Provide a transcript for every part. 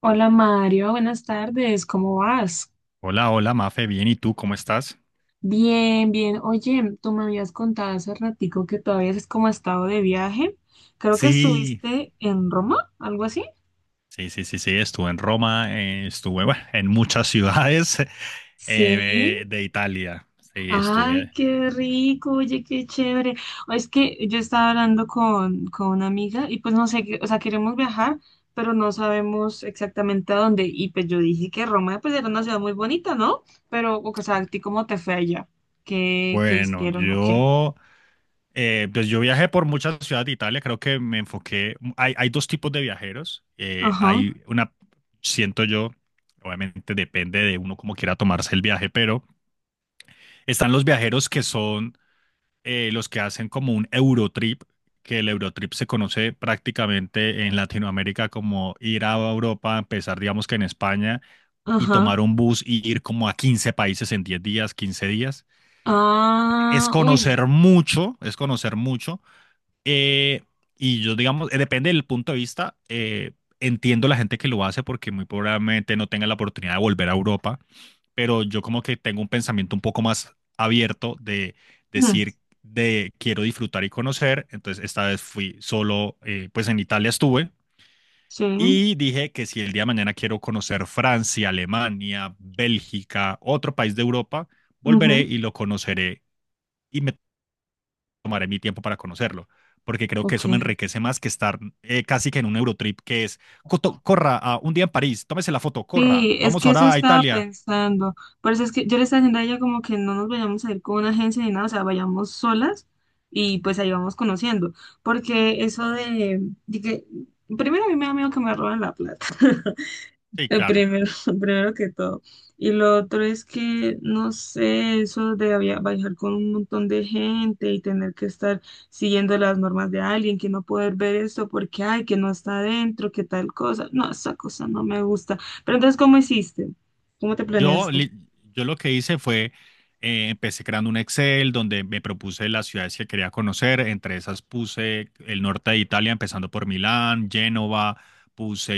Hola Mario, buenas tardes, ¿cómo vas? Hola, hola, Mafe, bien, ¿y tú cómo estás? Bien, bien. Oye, tú me habías contado hace ratico que todavía es como estado de viaje. Creo que Sí, estuviste en Roma, algo así. sí, sí, sí, sí, estuve en Roma, estuve, bueno, en muchas ciudades Sí. De Italia, sí, Ay, estuve. qué rico, oye, qué chévere. O es que yo estaba hablando con una amiga y pues no sé, o sea, queremos viajar, pero no sabemos exactamente a dónde. Y pues yo dije que Roma pues era una ciudad muy bonita, ¿no? Pero, o sea, ¿a ti cómo te fue allá? ¿Qué Bueno, hicieron o qué? yo viajé por muchas ciudades de Italia. Creo que me enfoqué. Hay dos tipos de viajeros, Ajá. hay una, siento yo, obviamente depende de uno como quiera tomarse el viaje, pero están los viajeros que son los que hacen como un Eurotrip, que el Eurotrip se conoce prácticamente en Latinoamérica como ir a Europa, empezar digamos que en España, y Ajá. tomar un bus y ir como a 15 países en 10 días, 15 días. Es Ah, uy, no. conocer mucho, es conocer mucho. eh, y yo digamos, depende del punto de vista, entiendo la gente que lo hace porque muy probablemente no tenga la oportunidad de volver a Europa, pero yo como que tengo un pensamiento un poco más abierto de Mm. decir de quiero disfrutar y conocer. Entonces, esta vez fui solo, pues en Italia estuve, Sí. y dije que si el día de mañana quiero conocer Francia, Alemania, Bélgica, otro país de Europa, volveré Ujú. y lo conoceré, y me tomaré mi tiempo para conocerlo. Porque creo que Ok. eso me enriquece más que estar casi que en un Eurotrip que es: corra, a un día en París, tómese la foto, corra, Sí, es vamos que eso ahora a estaba Italia." pensando. Por eso es que yo le estaba diciendo a ella como que no nos vayamos a ir con una agencia ni nada, o sea, vayamos solas y pues ahí vamos conociendo. Porque eso de que, primero a mí me da miedo que me roben la plata. Sí, El claro. primero, el primero que todo. Y lo otro es que, no sé, eso de viajar con un montón de gente y tener que estar siguiendo las normas de alguien, que no poder ver esto porque, ay, que no está adentro, que tal cosa. No, esa cosa no me gusta. Pero entonces, ¿cómo hiciste? ¿Cómo te Yo, planeaste? li- yo lo que hice fue, empecé creando un Excel donde me propuse las ciudades que quería conocer. Entre esas puse el norte de Italia, empezando por Milán, Génova. Puse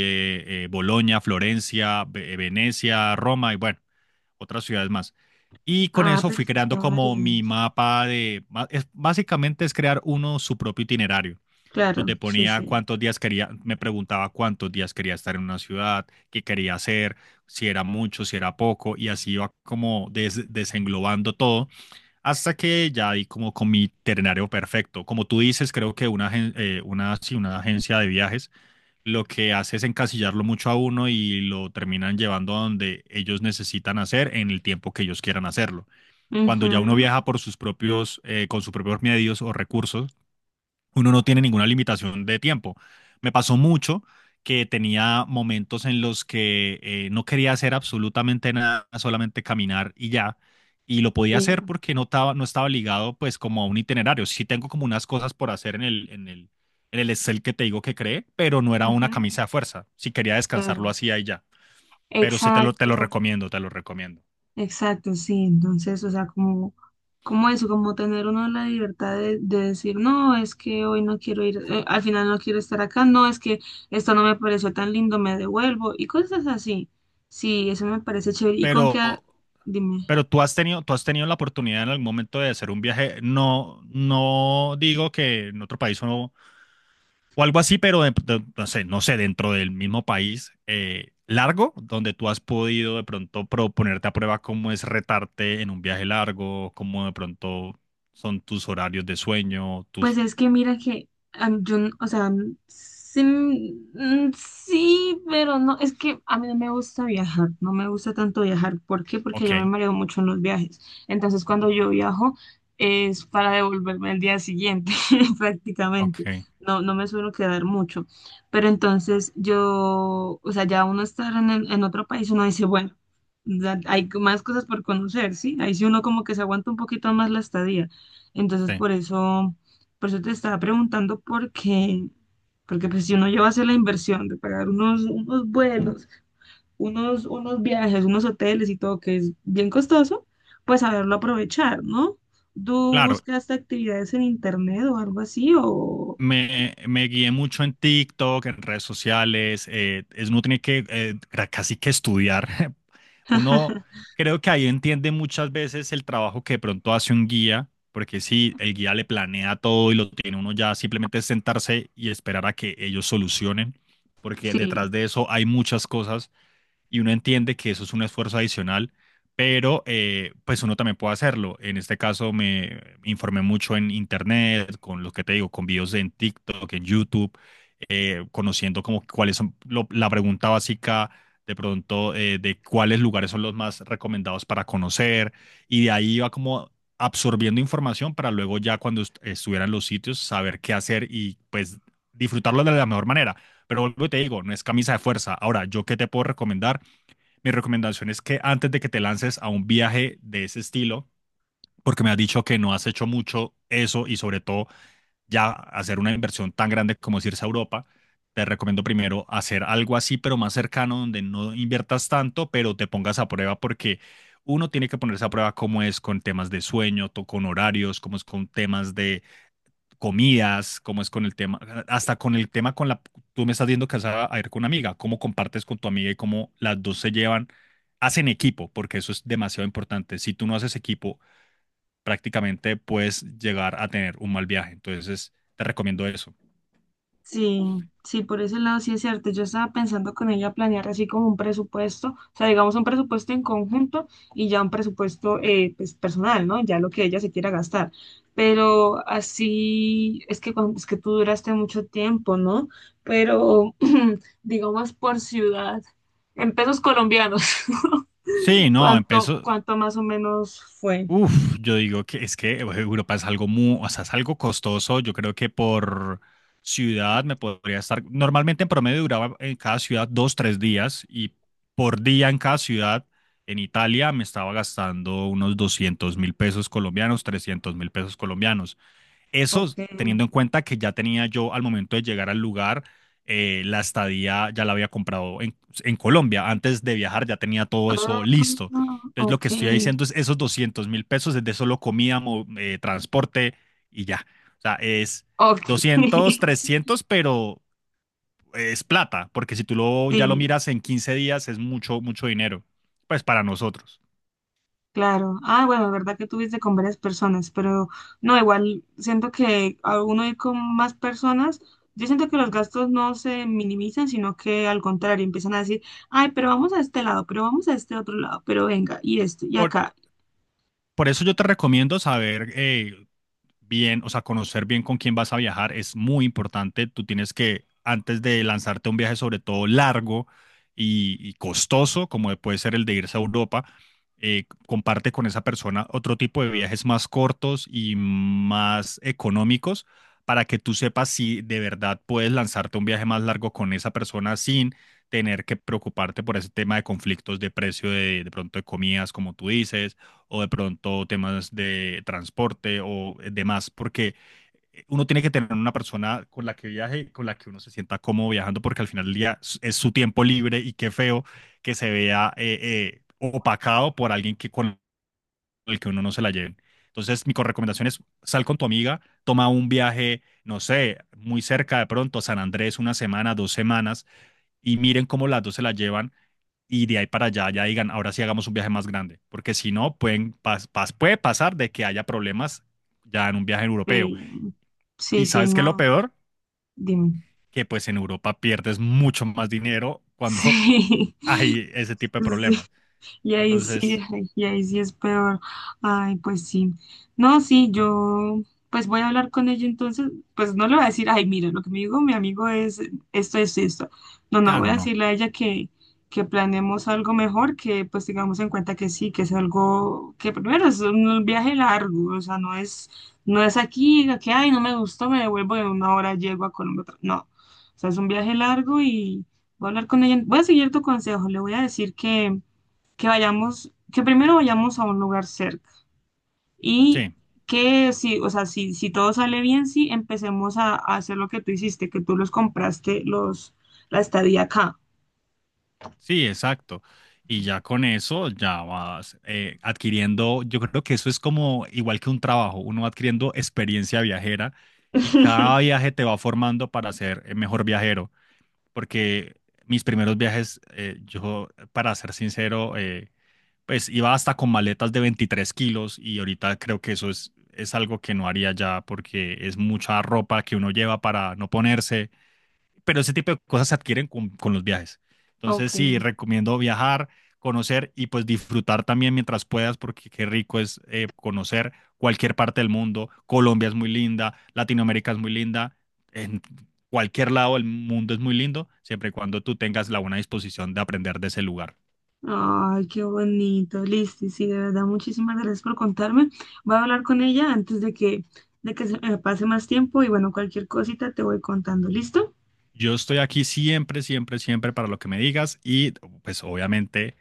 Bolonia, Florencia, Venecia, Roma y bueno, otras ciudades más. Y con Ah, eso pero fui fuiste creando a como mi varias. mapa de, básicamente es crear uno su propio itinerario, Claro, donde sí, ponía sí. cuántos días quería. Me preguntaba cuántos días quería estar en una ciudad, qué quería hacer, si era mucho, si era poco, y así iba como desenglobando todo, hasta que ya di como con mi itinerario perfecto. Como tú dices, creo que sí, una agencia de viajes lo que hace es encasillarlo mucho a uno, y lo terminan llevando a donde ellos necesitan hacer en el tiempo que ellos quieran hacerlo. Cuando ya uno Ujú. viaja por con sus propios medios o recursos, uno no tiene ninguna limitación de tiempo. Me pasó mucho que tenía momentos en los que no quería hacer absolutamente nada, solamente caminar y ya. Y lo podía Sí, hacer porque no estaba ligado pues como a un itinerario. Sí tengo como unas cosas por hacer en el Excel que te digo que creé, pero no era una ujú, camisa de fuerza. Si quería descansar, lo claro. hacía y ya. Pero sí te lo Exacto. recomiendo, te lo recomiendo. Exacto, sí. Entonces, o sea, como, como eso, como tener uno la libertad de decir, no, es que hoy no quiero ir, al final no quiero estar acá, no, es que esto no me pareció tan lindo, me devuelvo y cosas así. Sí, eso me parece chévere. ¿Y con qué? Pero Dime. Pero tú has tenido la oportunidad en algún momento de hacer un viaje, no, no digo que en otro país o, no- o algo así, pero no sé, no sé, dentro del mismo país, largo, donde tú has podido de pronto proponerte a prueba cómo es retarte en un viaje largo, cómo de pronto son tus horarios de sueño, Pues tus... es que mira que yo, o sea, sí, pero no, es que a mí no me gusta viajar, no me gusta tanto viajar. ¿Por qué? Porque Ok, yo me mareo mucho en los viajes. Entonces, cuando yo viajo es para devolverme el día siguiente, prácticamente. ok, No, no me suelo quedar mucho. Pero entonces yo, o sea, ya uno estar en, en otro país, uno dice, bueno, ya hay más cosas por conocer, ¿sí? Ahí sí uno como que se aguanta un poquito más la estadía. Entonces, sí. por eso. Por eso te estaba preguntando por qué, porque pues si uno lleva a hacer la inversión de pagar unos vuelos, unos viajes, unos hoteles y todo, que es bien costoso, pues saberlo aprovechar, ¿no? ¿Tú Claro, buscaste actividades en internet o algo así? O me guié mucho en TikTok, en redes sociales. Uno tiene que casi que estudiar. Uno creo que ahí entiende muchas veces el trabajo que de pronto hace un guía, porque si el guía le planea todo y lo tiene uno ya, simplemente es sentarse y esperar a que ellos solucionen, porque sí. detrás de eso hay muchas cosas, y uno entiende que eso es un esfuerzo adicional, pero pues uno también puede hacerlo. En este caso me informé mucho en internet, con lo que te digo, con videos en TikTok, en YouTube, conociendo como cuáles son la pregunta básica de pronto, de cuáles lugares son los más recomendados para conocer, y de ahí iba como absorbiendo información para luego ya cuando estuviera en los sitios saber qué hacer, y pues disfrutarlo de la mejor manera. Pero vuelvo y te digo, no es camisa de fuerza. Ahora, ¿yo qué te puedo recomendar? Mi recomendación es que antes de que te lances a un viaje de ese estilo, porque me has dicho que no has hecho mucho eso, y sobre todo ya hacer una inversión tan grande como es irse a Europa, te recomiendo primero hacer algo así, pero más cercano, donde no inviertas tanto, pero te pongas a prueba, porque uno tiene que ponerse a prueba cómo es con temas de sueño, con horarios, cómo es con temas de comidas, cómo es con el tema, hasta con el tema con la, tú me estás diciendo viendo casada a ir con una amiga, cómo compartes con tu amiga y cómo las dos se llevan, hacen equipo, porque eso es demasiado importante. Si tú no haces equipo, prácticamente puedes llegar a tener un mal viaje. Entonces, te recomiendo eso. Sí, sí, por ese lado sí es cierto. Yo estaba pensando con ella planear así como un presupuesto, o sea, digamos un presupuesto en conjunto y ya un presupuesto pues, personal, ¿no? Ya lo que ella se quiera gastar. Pero así es que es que tú duraste mucho tiempo, ¿no? Pero digamos por ciudad, en pesos colombianos, Sí, no, ¿cuánto, cuánto más o menos fue? uf, yo digo que es que Europa es algo muy, o sea, es algo costoso. Yo creo que por ciudad me podría estar. Normalmente en promedio duraba en cada ciudad 2, 3 días, y por día en cada ciudad en Italia me estaba gastando unos 200.000 pesos colombianos, 300.000 pesos colombianos. Eso Ok. teniendo en cuenta que ya tenía yo al momento de llegar al lugar, la estadía ya la había comprado en Colombia. Antes de viajar ya tenía todo eso Ah, listo. Entonces, lo ok. que estoy diciendo es esos 200.000 pesos es de solo comida, transporte y ya. O sea, es Ok. 200 trescientos, pero es plata, porque si ya lo Sí. miras en 15 días es mucho, mucho dinero, pues para nosotros. Claro. Ah, bueno, es verdad que tuviste con varias personas, pero no, igual siento que a uno ir con más personas, yo siento que los gastos no se minimizan, sino que al contrario, empiezan a decir, ay, pero vamos a este lado, pero vamos a este otro lado, pero venga, y esto, y Por, acá. por eso yo te recomiendo saber, bien, o sea, conocer bien con quién vas a viajar es muy importante. Tú tienes que, antes de lanzarte a un viaje, sobre todo largo y costoso, como puede ser el de irse a Europa, comparte con esa persona otro tipo de viajes más cortos y más económicos, para que tú sepas si de verdad puedes lanzarte a un viaje más largo con esa persona sin tener que preocuparte por ese tema de conflictos de precio de pronto de comidas, como tú dices, o de pronto temas de transporte o demás, porque uno tiene que tener una persona con la que viaje, con la que uno se sienta cómodo viajando, porque al final del día es su tiempo libre, y qué feo que se vea opacado por alguien que con el que uno no se la lleve. Entonces, mi recomendación es sal con tu amiga, toma un viaje, no sé, muy cerca de pronto, San Andrés, una semana, 2 semanas, y miren cómo las dos se la llevan, y de ahí para allá ya digan, ahora sí hagamos un viaje más grande, porque si no, puede pasar de que haya problemas ya en un viaje europeo. Eh, sí, Y sí, sabes qué es lo no, peor, dime. que pues en Europa pierdes mucho más dinero cuando Sí, hay ese tipo de sí. problemas. Y ahí sí, Entonces, ay, y ahí sí es peor. Ay, pues sí. No, sí, yo pues voy a hablar con ella entonces, pues no le voy a decir, ay, mira, lo que me dijo mi amigo es esto, esto, y esto. No, no, voy claro, a no. decirle a ella que planeemos algo mejor, que pues tengamos en cuenta que sí, que es algo, que primero es un viaje largo, o sea, no es, no es aquí, que ay, no me gustó, me devuelvo en una hora, llego a Colombia. No, o sea, es un viaje largo y voy a hablar con ella. Voy a seguir tu consejo, le voy a decir que vayamos, que primero vayamos a un lugar cerca y Sí. que si, o sea, si, si todo sale bien, sí, empecemos a hacer lo que tú hiciste, que tú los compraste, los, la estadía acá. Sí, exacto. Y ya con eso ya vas adquiriendo. Yo creo que eso es como igual que un trabajo, uno va adquiriendo experiencia viajera, y cada viaje te va formando para ser mejor viajero, porque mis primeros viajes, yo, para ser sincero, pues iba hasta con maletas de 23 kilos, y ahorita creo que eso es algo que no haría ya, porque es mucha ropa que uno lleva para no ponerse, pero ese tipo de cosas se adquieren con los viajes. Entonces, Ok. sí, recomiendo viajar, conocer y pues disfrutar también mientras puedas, porque qué rico es conocer cualquier parte del mundo. Colombia es muy linda, Latinoamérica es muy linda, en cualquier lado del mundo es muy lindo, siempre y cuando tú tengas la buena disposición de aprender de ese lugar. Ay, qué bonito, listo, sí, de verdad, muchísimas gracias por contarme. Voy a hablar con ella antes de que se me pase más tiempo y bueno, cualquier cosita te voy contando, ¿listo? Yo estoy aquí siempre, siempre, siempre para lo que me digas, y pues obviamente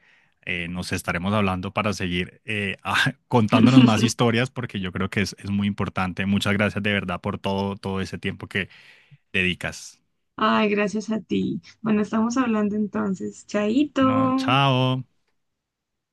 nos estaremos hablando para seguir ah, contándonos más historias, porque yo creo que es muy importante. Muchas gracias de verdad por todo, todo ese tiempo que dedicas. Ay, gracias a ti. Bueno, estamos hablando entonces, No, chaito. chao.